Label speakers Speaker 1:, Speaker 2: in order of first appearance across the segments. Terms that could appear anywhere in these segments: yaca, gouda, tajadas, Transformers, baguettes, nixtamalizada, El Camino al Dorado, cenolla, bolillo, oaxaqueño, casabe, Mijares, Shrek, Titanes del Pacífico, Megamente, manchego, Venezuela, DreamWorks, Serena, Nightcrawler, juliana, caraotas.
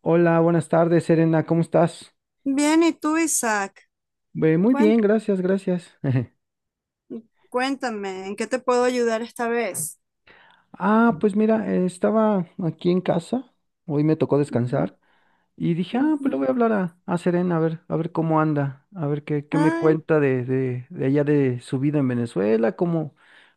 Speaker 1: Hola, buenas tardes, Serena, ¿cómo estás?
Speaker 2: Bien, ¿y tú, Isaac?
Speaker 1: Muy bien,
Speaker 2: Cuen-
Speaker 1: gracias, gracias.
Speaker 2: Cuéntame, ¿en qué te puedo ayudar esta vez?
Speaker 1: Ah, pues mira, estaba aquí en casa, hoy me tocó
Speaker 2: Ujú,
Speaker 1: descansar y dije, ah,
Speaker 2: ujú.
Speaker 1: pues le voy a hablar a Serena, a ver cómo anda, a ver qué, qué me
Speaker 2: Ay,
Speaker 1: cuenta de allá de su vida en Venezuela, cómo,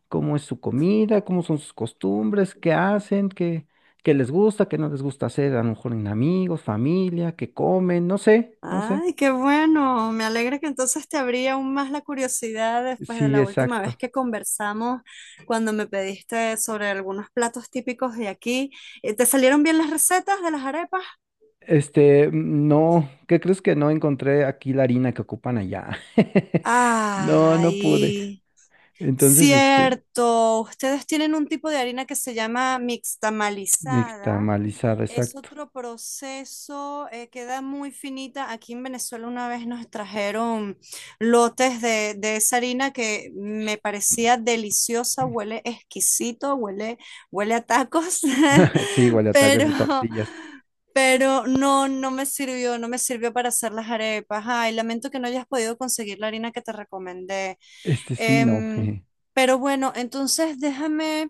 Speaker 1: cómo es su comida, cómo son sus costumbres, qué hacen, qué, qué les gusta, qué no les gusta hacer, a lo mejor en amigos, familia, qué comen, no sé, no sé.
Speaker 2: ay, qué bueno. Me alegra que entonces te abrí aún más la curiosidad después de
Speaker 1: Sí,
Speaker 2: la última vez
Speaker 1: exacto.
Speaker 2: que conversamos, cuando me pediste sobre algunos platos típicos de aquí. ¿Te salieron bien las recetas de las arepas?
Speaker 1: Este, no, ¿qué crees que no encontré aquí la harina que ocupan allá? No, no pude.
Speaker 2: Ay,
Speaker 1: Entonces, este,
Speaker 2: cierto. Ustedes tienen un tipo de harina que se llama mixtamalizada.
Speaker 1: nixtamalizada,
Speaker 2: Es
Speaker 1: exacto.
Speaker 2: otro proceso, queda muy finita. Aquí en Venezuela una vez nos trajeron lotes de esa harina que me parecía deliciosa, huele exquisito, huele, huele a tacos,
Speaker 1: Sí, igual ataques
Speaker 2: pero,
Speaker 1: de tortillas.
Speaker 2: pero no, no me sirvió, no me sirvió para hacer las arepas. Ay, lamento que no hayas podido conseguir la harina que te recomendé.
Speaker 1: Este sí, no.
Speaker 2: Em, pero bueno, entonces déjame...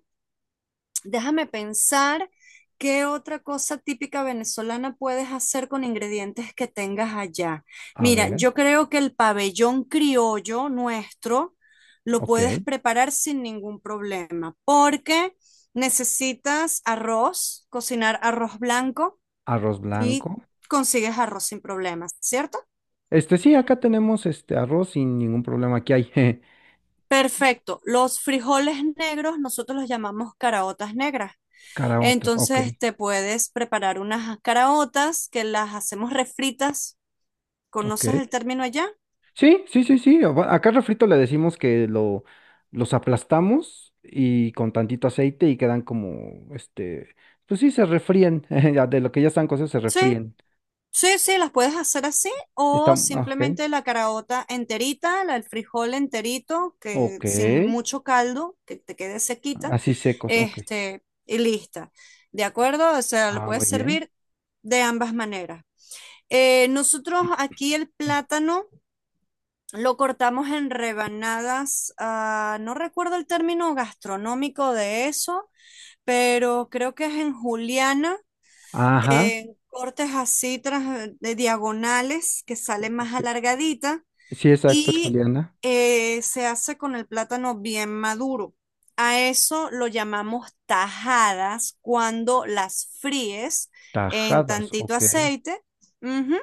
Speaker 2: Déjame pensar qué otra cosa típica venezolana puedes hacer con ingredientes que tengas allá.
Speaker 1: A
Speaker 2: Mira,
Speaker 1: ver,
Speaker 2: yo creo que el pabellón criollo nuestro lo
Speaker 1: ok.
Speaker 2: puedes preparar sin ningún problema, porque necesitas arroz, cocinar arroz blanco
Speaker 1: Arroz
Speaker 2: y
Speaker 1: blanco.
Speaker 2: consigues arroz sin problemas, ¿cierto?
Speaker 1: Este sí, acá tenemos este arroz sin ningún problema. Aquí hay
Speaker 2: Perfecto. Los frijoles negros nosotros los llamamos caraotas negras.
Speaker 1: caraotas. Ok,
Speaker 2: Entonces te puedes preparar unas caraotas que las hacemos refritas.
Speaker 1: ok.
Speaker 2: ¿Conoces el término allá?
Speaker 1: Sí, sí, sí, sí. Acá refrito le decimos que lo, los aplastamos y con tantito aceite y quedan como, este, pues sí, se refríen. Ya De lo que ya están cocidos, se
Speaker 2: Sí,
Speaker 1: refríen.
Speaker 2: sí, sí, las puedes hacer así o
Speaker 1: Están, ah, ok.
Speaker 2: simplemente la caraota enterita, el frijol enterito, que
Speaker 1: Ok.
Speaker 2: sin mucho caldo, que te quede sequita,
Speaker 1: Así secos, ok.
Speaker 2: este, y lista. ¿De acuerdo? O sea, lo
Speaker 1: Ah, muy
Speaker 2: puedes
Speaker 1: bien.
Speaker 2: servir de ambas maneras. Nosotros aquí el plátano lo cortamos en rebanadas, ah, no recuerdo el término gastronómico de eso, pero creo que es en juliana,
Speaker 1: Ajá.
Speaker 2: en cortes así de diagonales que sale más
Speaker 1: Ok,
Speaker 2: alargadita
Speaker 1: sí, exacto, es
Speaker 2: y
Speaker 1: juliana.
Speaker 2: se hace con el plátano bien maduro. A eso lo llamamos tajadas cuando las fríes en
Speaker 1: Tajadas,
Speaker 2: tantito
Speaker 1: ok,
Speaker 2: aceite. Ujú.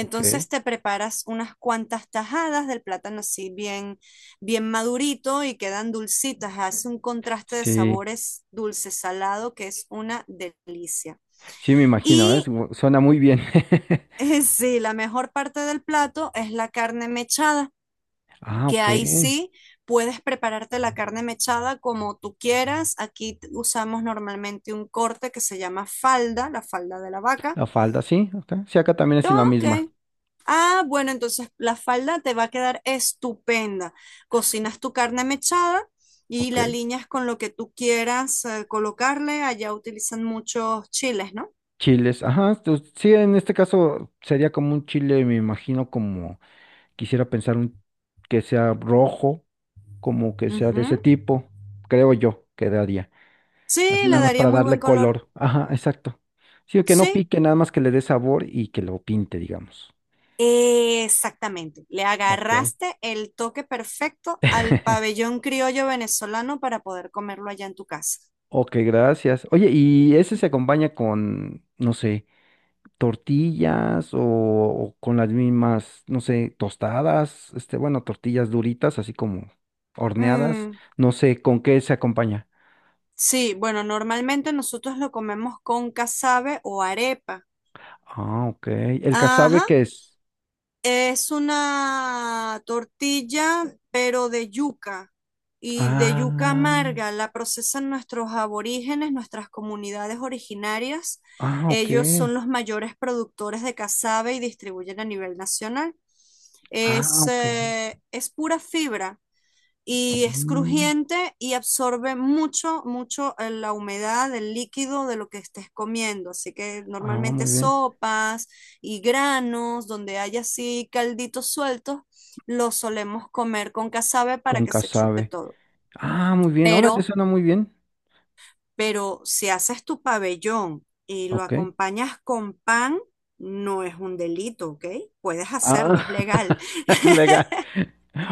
Speaker 1: ok.
Speaker 2: te preparas unas cuantas tajadas del plátano así bien, bien madurito y quedan dulcitas. Hace un contraste de
Speaker 1: Sí,
Speaker 2: sabores dulce-salado que es una delicia.
Speaker 1: sí, me imagino, ¿eh?
Speaker 2: Y
Speaker 1: Suena muy bien.
Speaker 2: sí, la mejor parte del plato es la carne mechada,
Speaker 1: Ah,
Speaker 2: que
Speaker 1: ok.
Speaker 2: ahí sí puedes prepararte la carne mechada como tú quieras. Aquí usamos normalmente un corte que se llama falda, la falda de la vaca.
Speaker 1: La falda, sí, ok. Sí, acá también es la
Speaker 2: Ok.
Speaker 1: misma.
Speaker 2: Ah, bueno, entonces la falda te va a quedar estupenda. Cocinas tu carne mechada y
Speaker 1: Ok.
Speaker 2: la alineas con lo que tú quieras colocarle. Allá utilizan muchos chiles, ¿no?
Speaker 1: Chiles, ajá, pues, sí, en este caso sería como un chile, me imagino como quisiera pensar un que sea rojo, como que sea de ese
Speaker 2: Ujú.
Speaker 1: tipo, creo yo quedaría.
Speaker 2: Sí,
Speaker 1: Así
Speaker 2: le
Speaker 1: nada más
Speaker 2: daría
Speaker 1: para
Speaker 2: muy buen
Speaker 1: darle
Speaker 2: color.
Speaker 1: color. Ajá, exacto. Sí, que no
Speaker 2: Sí,
Speaker 1: pique, nada más que le dé sabor y que lo pinte, digamos.
Speaker 2: exactamente, le
Speaker 1: Ok.
Speaker 2: agarraste el toque perfecto al pabellón criollo venezolano para poder comerlo allá en tu casa.
Speaker 1: Ok, gracias. Oye, y ese se acompaña con, no sé, tortillas o con las mismas, no sé, tostadas, este, bueno, tortillas duritas, así como horneadas,
Speaker 2: Mm,
Speaker 1: no sé, ¿con qué se acompaña?
Speaker 2: sí, bueno, normalmente nosotros lo comemos con casabe o arepa.
Speaker 1: Ah, ok. ¿El casabe
Speaker 2: Ajá,
Speaker 1: qué es?
Speaker 2: es una tortilla, pero de yuca y de
Speaker 1: Ah,
Speaker 2: yuca amarga. La procesan nuestros aborígenes, nuestras comunidades originarias.
Speaker 1: ah, ok.
Speaker 2: Ellos son los mayores productores de casabe y distribuyen a nivel nacional.
Speaker 1: Ah, ok.
Speaker 2: Es pura fibra y es
Speaker 1: Mm,
Speaker 2: crujiente y absorbe mucho, mucho la humedad del líquido de lo que estés comiendo. Así que
Speaker 1: ah,
Speaker 2: normalmente
Speaker 1: muy bien.
Speaker 2: sopas y granos, donde hay así calditos sueltos, los solemos comer con casabe para
Speaker 1: Con
Speaker 2: que se chupe
Speaker 1: casabe.
Speaker 2: todo.
Speaker 1: Ah, muy bien. Ahora
Speaker 2: Pero,
Speaker 1: te suena muy bien.
Speaker 2: pero si haces tu pabellón y lo
Speaker 1: Ok.
Speaker 2: acompañas con pan, no es un delito, ¿ok? Puedes
Speaker 1: Ah,
Speaker 2: hacerlo, es legal.
Speaker 1: legal.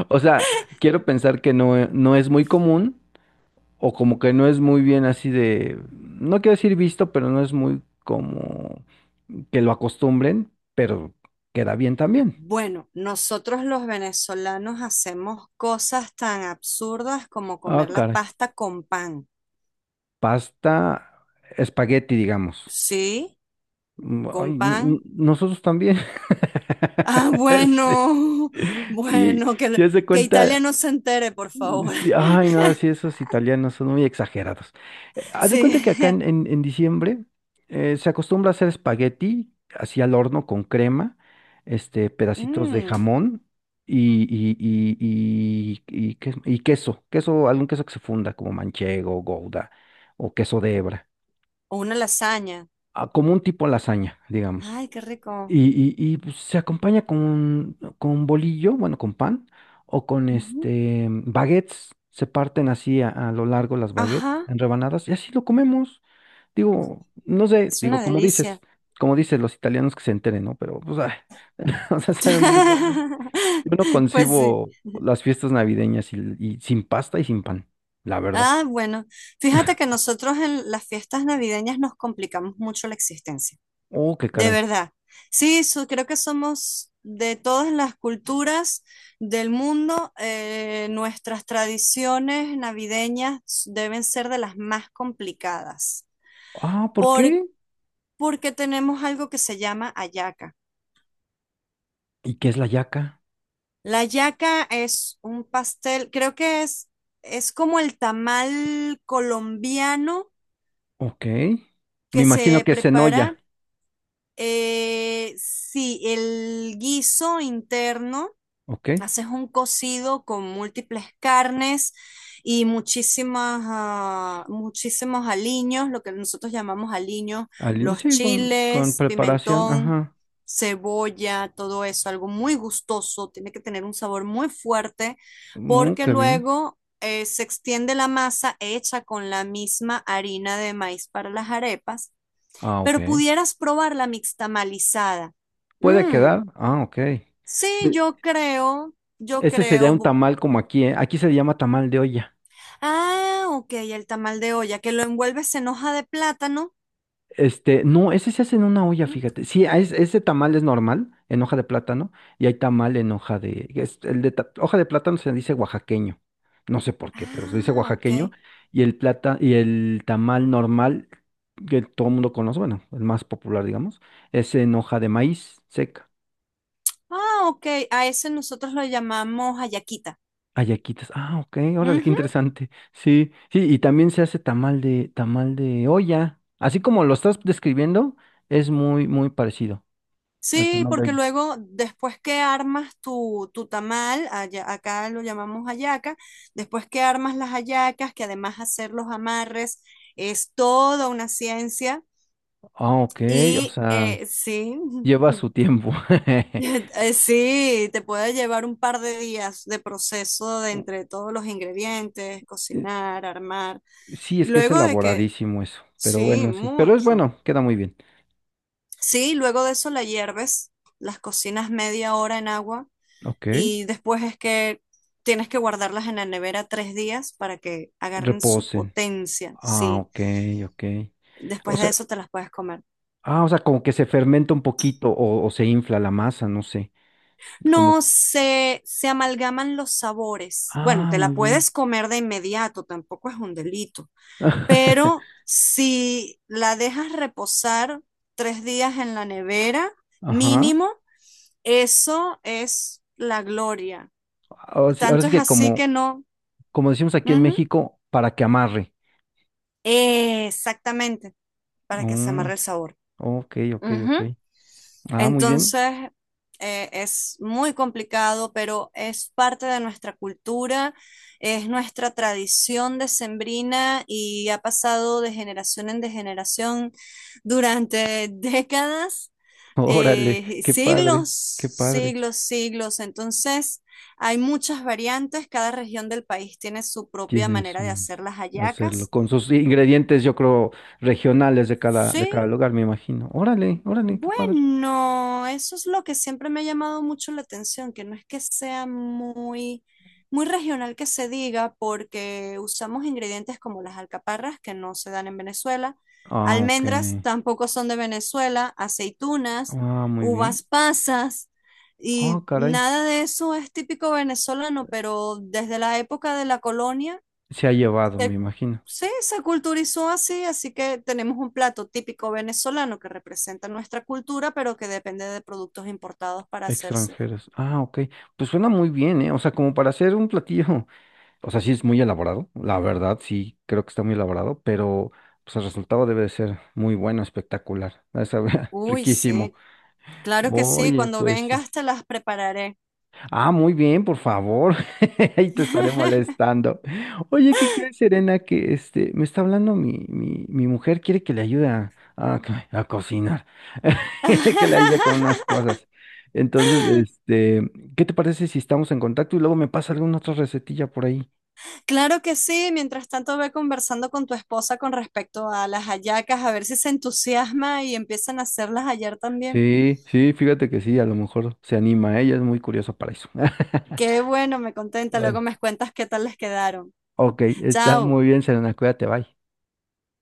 Speaker 1: O sea, quiero pensar que no, no es muy común, o como que no es muy bien así de, no quiero decir visto, pero no es muy como que lo acostumbren, pero queda bien también.
Speaker 2: Bueno, nosotros los venezolanos hacemos cosas tan absurdas como
Speaker 1: Ah,
Speaker 2: comer la
Speaker 1: caray.
Speaker 2: pasta con pan.
Speaker 1: Pasta, espagueti, digamos.
Speaker 2: ¿Sí?
Speaker 1: Mm, ay,
Speaker 2: ¿Con pan?
Speaker 1: nosotros también.
Speaker 2: Ah,
Speaker 1: Sí,
Speaker 2: bueno,
Speaker 1: sí,
Speaker 2: bueno,
Speaker 1: sí, haz de
Speaker 2: que Italia
Speaker 1: cuenta.
Speaker 2: no se entere, por
Speaker 1: Mm,
Speaker 2: favor.
Speaker 1: sí, ay, no, sí, esos italianos son muy exagerados. Haz de
Speaker 2: Sí.
Speaker 1: cuenta que acá en, en diciembre se acostumbra a hacer espagueti así al horno con crema, este, pedacitos de
Speaker 2: Mm,
Speaker 1: jamón y queso, queso, algún queso que se funda como manchego, gouda o queso de hebra,
Speaker 2: o una lasaña.
Speaker 1: ah, como un tipo lasaña, digamos.
Speaker 2: Ay, qué rico.
Speaker 1: Y pues, se acompaña con bolillo, bueno, con pan, o con
Speaker 2: Ujú.
Speaker 1: este baguettes. Se parten así a lo largo las baguettes
Speaker 2: Ajá,
Speaker 1: en rebanadas y así lo comemos. Digo, no sé,
Speaker 2: es una
Speaker 1: digo, como dices,
Speaker 2: delicia.
Speaker 1: como dicen los italianos que se enteren, ¿no? Pero, pues, ay, o sea, sabe muy bueno. Yo no
Speaker 2: Pues sí.
Speaker 1: concibo las fiestas navideñas y sin pasta y sin pan, la verdad.
Speaker 2: Ah, bueno, fíjate que nosotros en las fiestas navideñas nos complicamos mucho la existencia.
Speaker 1: Oh, qué
Speaker 2: De
Speaker 1: caray.
Speaker 2: verdad. Sí, creo que somos de todas las culturas del mundo. Nuestras tradiciones navideñas deben ser de las más complicadas
Speaker 1: Ah, ¿por
Speaker 2: por-
Speaker 1: qué?
Speaker 2: porque tenemos algo que se llama hallaca.
Speaker 1: ¿Y qué es la yaca?
Speaker 2: La hallaca es un pastel, creo que es como el tamal colombiano
Speaker 1: Ok. Me
Speaker 2: que
Speaker 1: imagino
Speaker 2: se
Speaker 1: que es
Speaker 2: prepara.
Speaker 1: cenolla,
Speaker 2: Sí, el guiso interno.
Speaker 1: ¿ok?
Speaker 2: Haces un cocido con múltiples carnes y muchísimos aliños, lo que nosotros llamamos aliños,
Speaker 1: Al
Speaker 2: los
Speaker 1: inicio, sí, con
Speaker 2: chiles,
Speaker 1: preparación,
Speaker 2: pimentón,
Speaker 1: ajá.
Speaker 2: cebolla, todo eso, algo muy gustoso, tiene que tener un sabor muy fuerte,
Speaker 1: Mm,
Speaker 2: porque
Speaker 1: qué bien.
Speaker 2: luego se extiende la masa hecha con la misma harina de maíz para las arepas,
Speaker 1: Ah, ok.
Speaker 2: pero pudieras probar la mixtamalizada.
Speaker 1: ¿Puede
Speaker 2: Mmm,
Speaker 1: quedar? Ah, ok.
Speaker 2: sí,
Speaker 1: Sí,
Speaker 2: yo creo, yo
Speaker 1: ese sería
Speaker 2: creo.
Speaker 1: un tamal como aquí, ¿eh? Aquí se le llama tamal de olla.
Speaker 2: Ah, ok, el tamal de olla, que lo envuelves en hoja de plátano,
Speaker 1: Este, no, ese se hace en una olla,
Speaker 2: ¿no?
Speaker 1: fíjate. Sí, ese tamal es normal, en hoja de plátano, y hay tamal en hoja de, hoja de plátano se dice oaxaqueño. No sé por qué, pero se dice
Speaker 2: Ah, ok.
Speaker 1: oaxaqueño, y el tamal normal, que todo el mundo conoce, bueno, el más popular, digamos, es en hoja de maíz seca.
Speaker 2: Ah, ok, a ese nosotros lo llamamos hallaquita.
Speaker 1: Ayaquitas. Ah, ok, órale, qué
Speaker 2: Ujú.
Speaker 1: interesante. Sí, sí, y también se hace tamal de olla. Así como lo estás describiendo, es muy, muy parecido al
Speaker 2: Sí,
Speaker 1: tamal de
Speaker 2: porque
Speaker 1: olla.
Speaker 2: luego, después que armas tu tamal, acá lo llamamos hallaca, después que armas las hallacas, que además hacer los amarres es toda una ciencia.
Speaker 1: Ah, ok, o sea,
Speaker 2: Sí,
Speaker 1: lleva su tiempo.
Speaker 2: Sí, te puede llevar un par de días de proceso de
Speaker 1: u-
Speaker 2: entre todos los ingredientes,
Speaker 1: Eh,
Speaker 2: cocinar, armar.
Speaker 1: Sí,
Speaker 2: Y
Speaker 1: es que es
Speaker 2: luego de que,
Speaker 1: elaboradísimo eso, pero
Speaker 2: sí,
Speaker 1: bueno, sí. Pero es
Speaker 2: mucho.
Speaker 1: bueno, queda muy bien.
Speaker 2: Sí, luego de eso la hierves, las cocinas media hora en agua
Speaker 1: Ok,
Speaker 2: y después es que tienes que guardarlas en la nevera 3 días para que agarren su
Speaker 1: reposen.
Speaker 2: potencia.
Speaker 1: Ah,
Speaker 2: Sí,
Speaker 1: ok, ok. O
Speaker 2: después de
Speaker 1: sea,
Speaker 2: eso te las puedes comer.
Speaker 1: ah, o sea, como que se fermenta un poquito o se infla la masa, no sé. Como,
Speaker 2: No se, se amalgaman los sabores. Bueno,
Speaker 1: ah,
Speaker 2: te
Speaker 1: muy
Speaker 2: la
Speaker 1: bien.
Speaker 2: puedes comer de inmediato, tampoco es un delito. Pero si la dejas reposar 3 días en la nevera,
Speaker 1: Ajá.
Speaker 2: mínimo, eso es la gloria.
Speaker 1: Ahora
Speaker 2: Tanto
Speaker 1: sí
Speaker 2: es
Speaker 1: que
Speaker 2: así que
Speaker 1: como,
Speaker 2: no.
Speaker 1: como decimos aquí en
Speaker 2: Ujú.
Speaker 1: México, para que amarre.
Speaker 2: Exactamente, para que se
Speaker 1: Mm,
Speaker 2: amarre el sabor.
Speaker 1: ok, ok,
Speaker 2: Ujú.
Speaker 1: ok. Ah, muy bien.
Speaker 2: Entonces, es muy complicado, pero es parte de nuestra cultura, es nuestra tradición decembrina y ha pasado de generación en de generación durante décadas,
Speaker 1: Órale, qué padre,
Speaker 2: siglos,
Speaker 1: qué padre.
Speaker 2: siglos, siglos. Entonces, hay muchas variantes, cada región del país tiene su propia
Speaker 1: Tienes
Speaker 2: manera de
Speaker 1: un
Speaker 2: hacer las
Speaker 1: hacerlo
Speaker 2: hallacas.
Speaker 1: con sus ingredientes, yo creo, regionales de cada
Speaker 2: Sí,
Speaker 1: lugar, me imagino. Órale, órale, qué padre.
Speaker 2: bueno, eso es lo que siempre me ha llamado mucho la atención, que no es que sea muy, muy regional que se diga, porque usamos ingredientes como las alcaparras, que no se dan en Venezuela,
Speaker 1: Ah, ok.
Speaker 2: almendras tampoco son de Venezuela, aceitunas,
Speaker 1: Ah, muy
Speaker 2: uvas
Speaker 1: bien.
Speaker 2: pasas,
Speaker 1: Ah,
Speaker 2: y
Speaker 1: caray.
Speaker 2: nada de eso es típico venezolano, pero desde la época de la colonia
Speaker 1: Se ha llevado, me
Speaker 2: se-
Speaker 1: imagino.
Speaker 2: sí, se culturizó así, así que tenemos un plato típico venezolano que representa nuestra cultura, pero que depende de productos importados para hacerse.
Speaker 1: Extranjeros. Ah, ok. Pues suena muy bien, ¿eh? O sea, como para hacer un platillo. O sea, sí es muy elaborado, la verdad, sí creo que está muy elaborado, pero pues el resultado debe de ser muy bueno, espectacular. Va a saber
Speaker 2: Uy,
Speaker 1: riquísimo.
Speaker 2: sí, claro que sí,
Speaker 1: Oye,
Speaker 2: cuando
Speaker 1: pues sí.
Speaker 2: vengas te las prepararé.
Speaker 1: Ah, muy bien, por favor. Ahí te estaré molestando. Oye, ¿qué crees, Serena? Que este me está hablando mi mujer, quiere que le ayude a a cocinar, quiere que le ayude con unas cosas. Entonces, este, ¿qué te parece si estamos en contacto y luego me pasa alguna otra recetilla por ahí?
Speaker 2: Claro que sí, mientras tanto ve conversando con tu esposa con respecto a las hallacas, a ver si se entusiasma y empiezan a hacerlas ayer también.
Speaker 1: Sí, sí, fíjate que sí, a lo mejor se anima, ella es muy curiosa para eso.
Speaker 2: Qué bueno, me contenta, luego
Speaker 1: Bueno,
Speaker 2: me cuentas qué tal les quedaron.
Speaker 1: ok, está
Speaker 2: Chao.
Speaker 1: muy bien, Selena, cuídate, bye.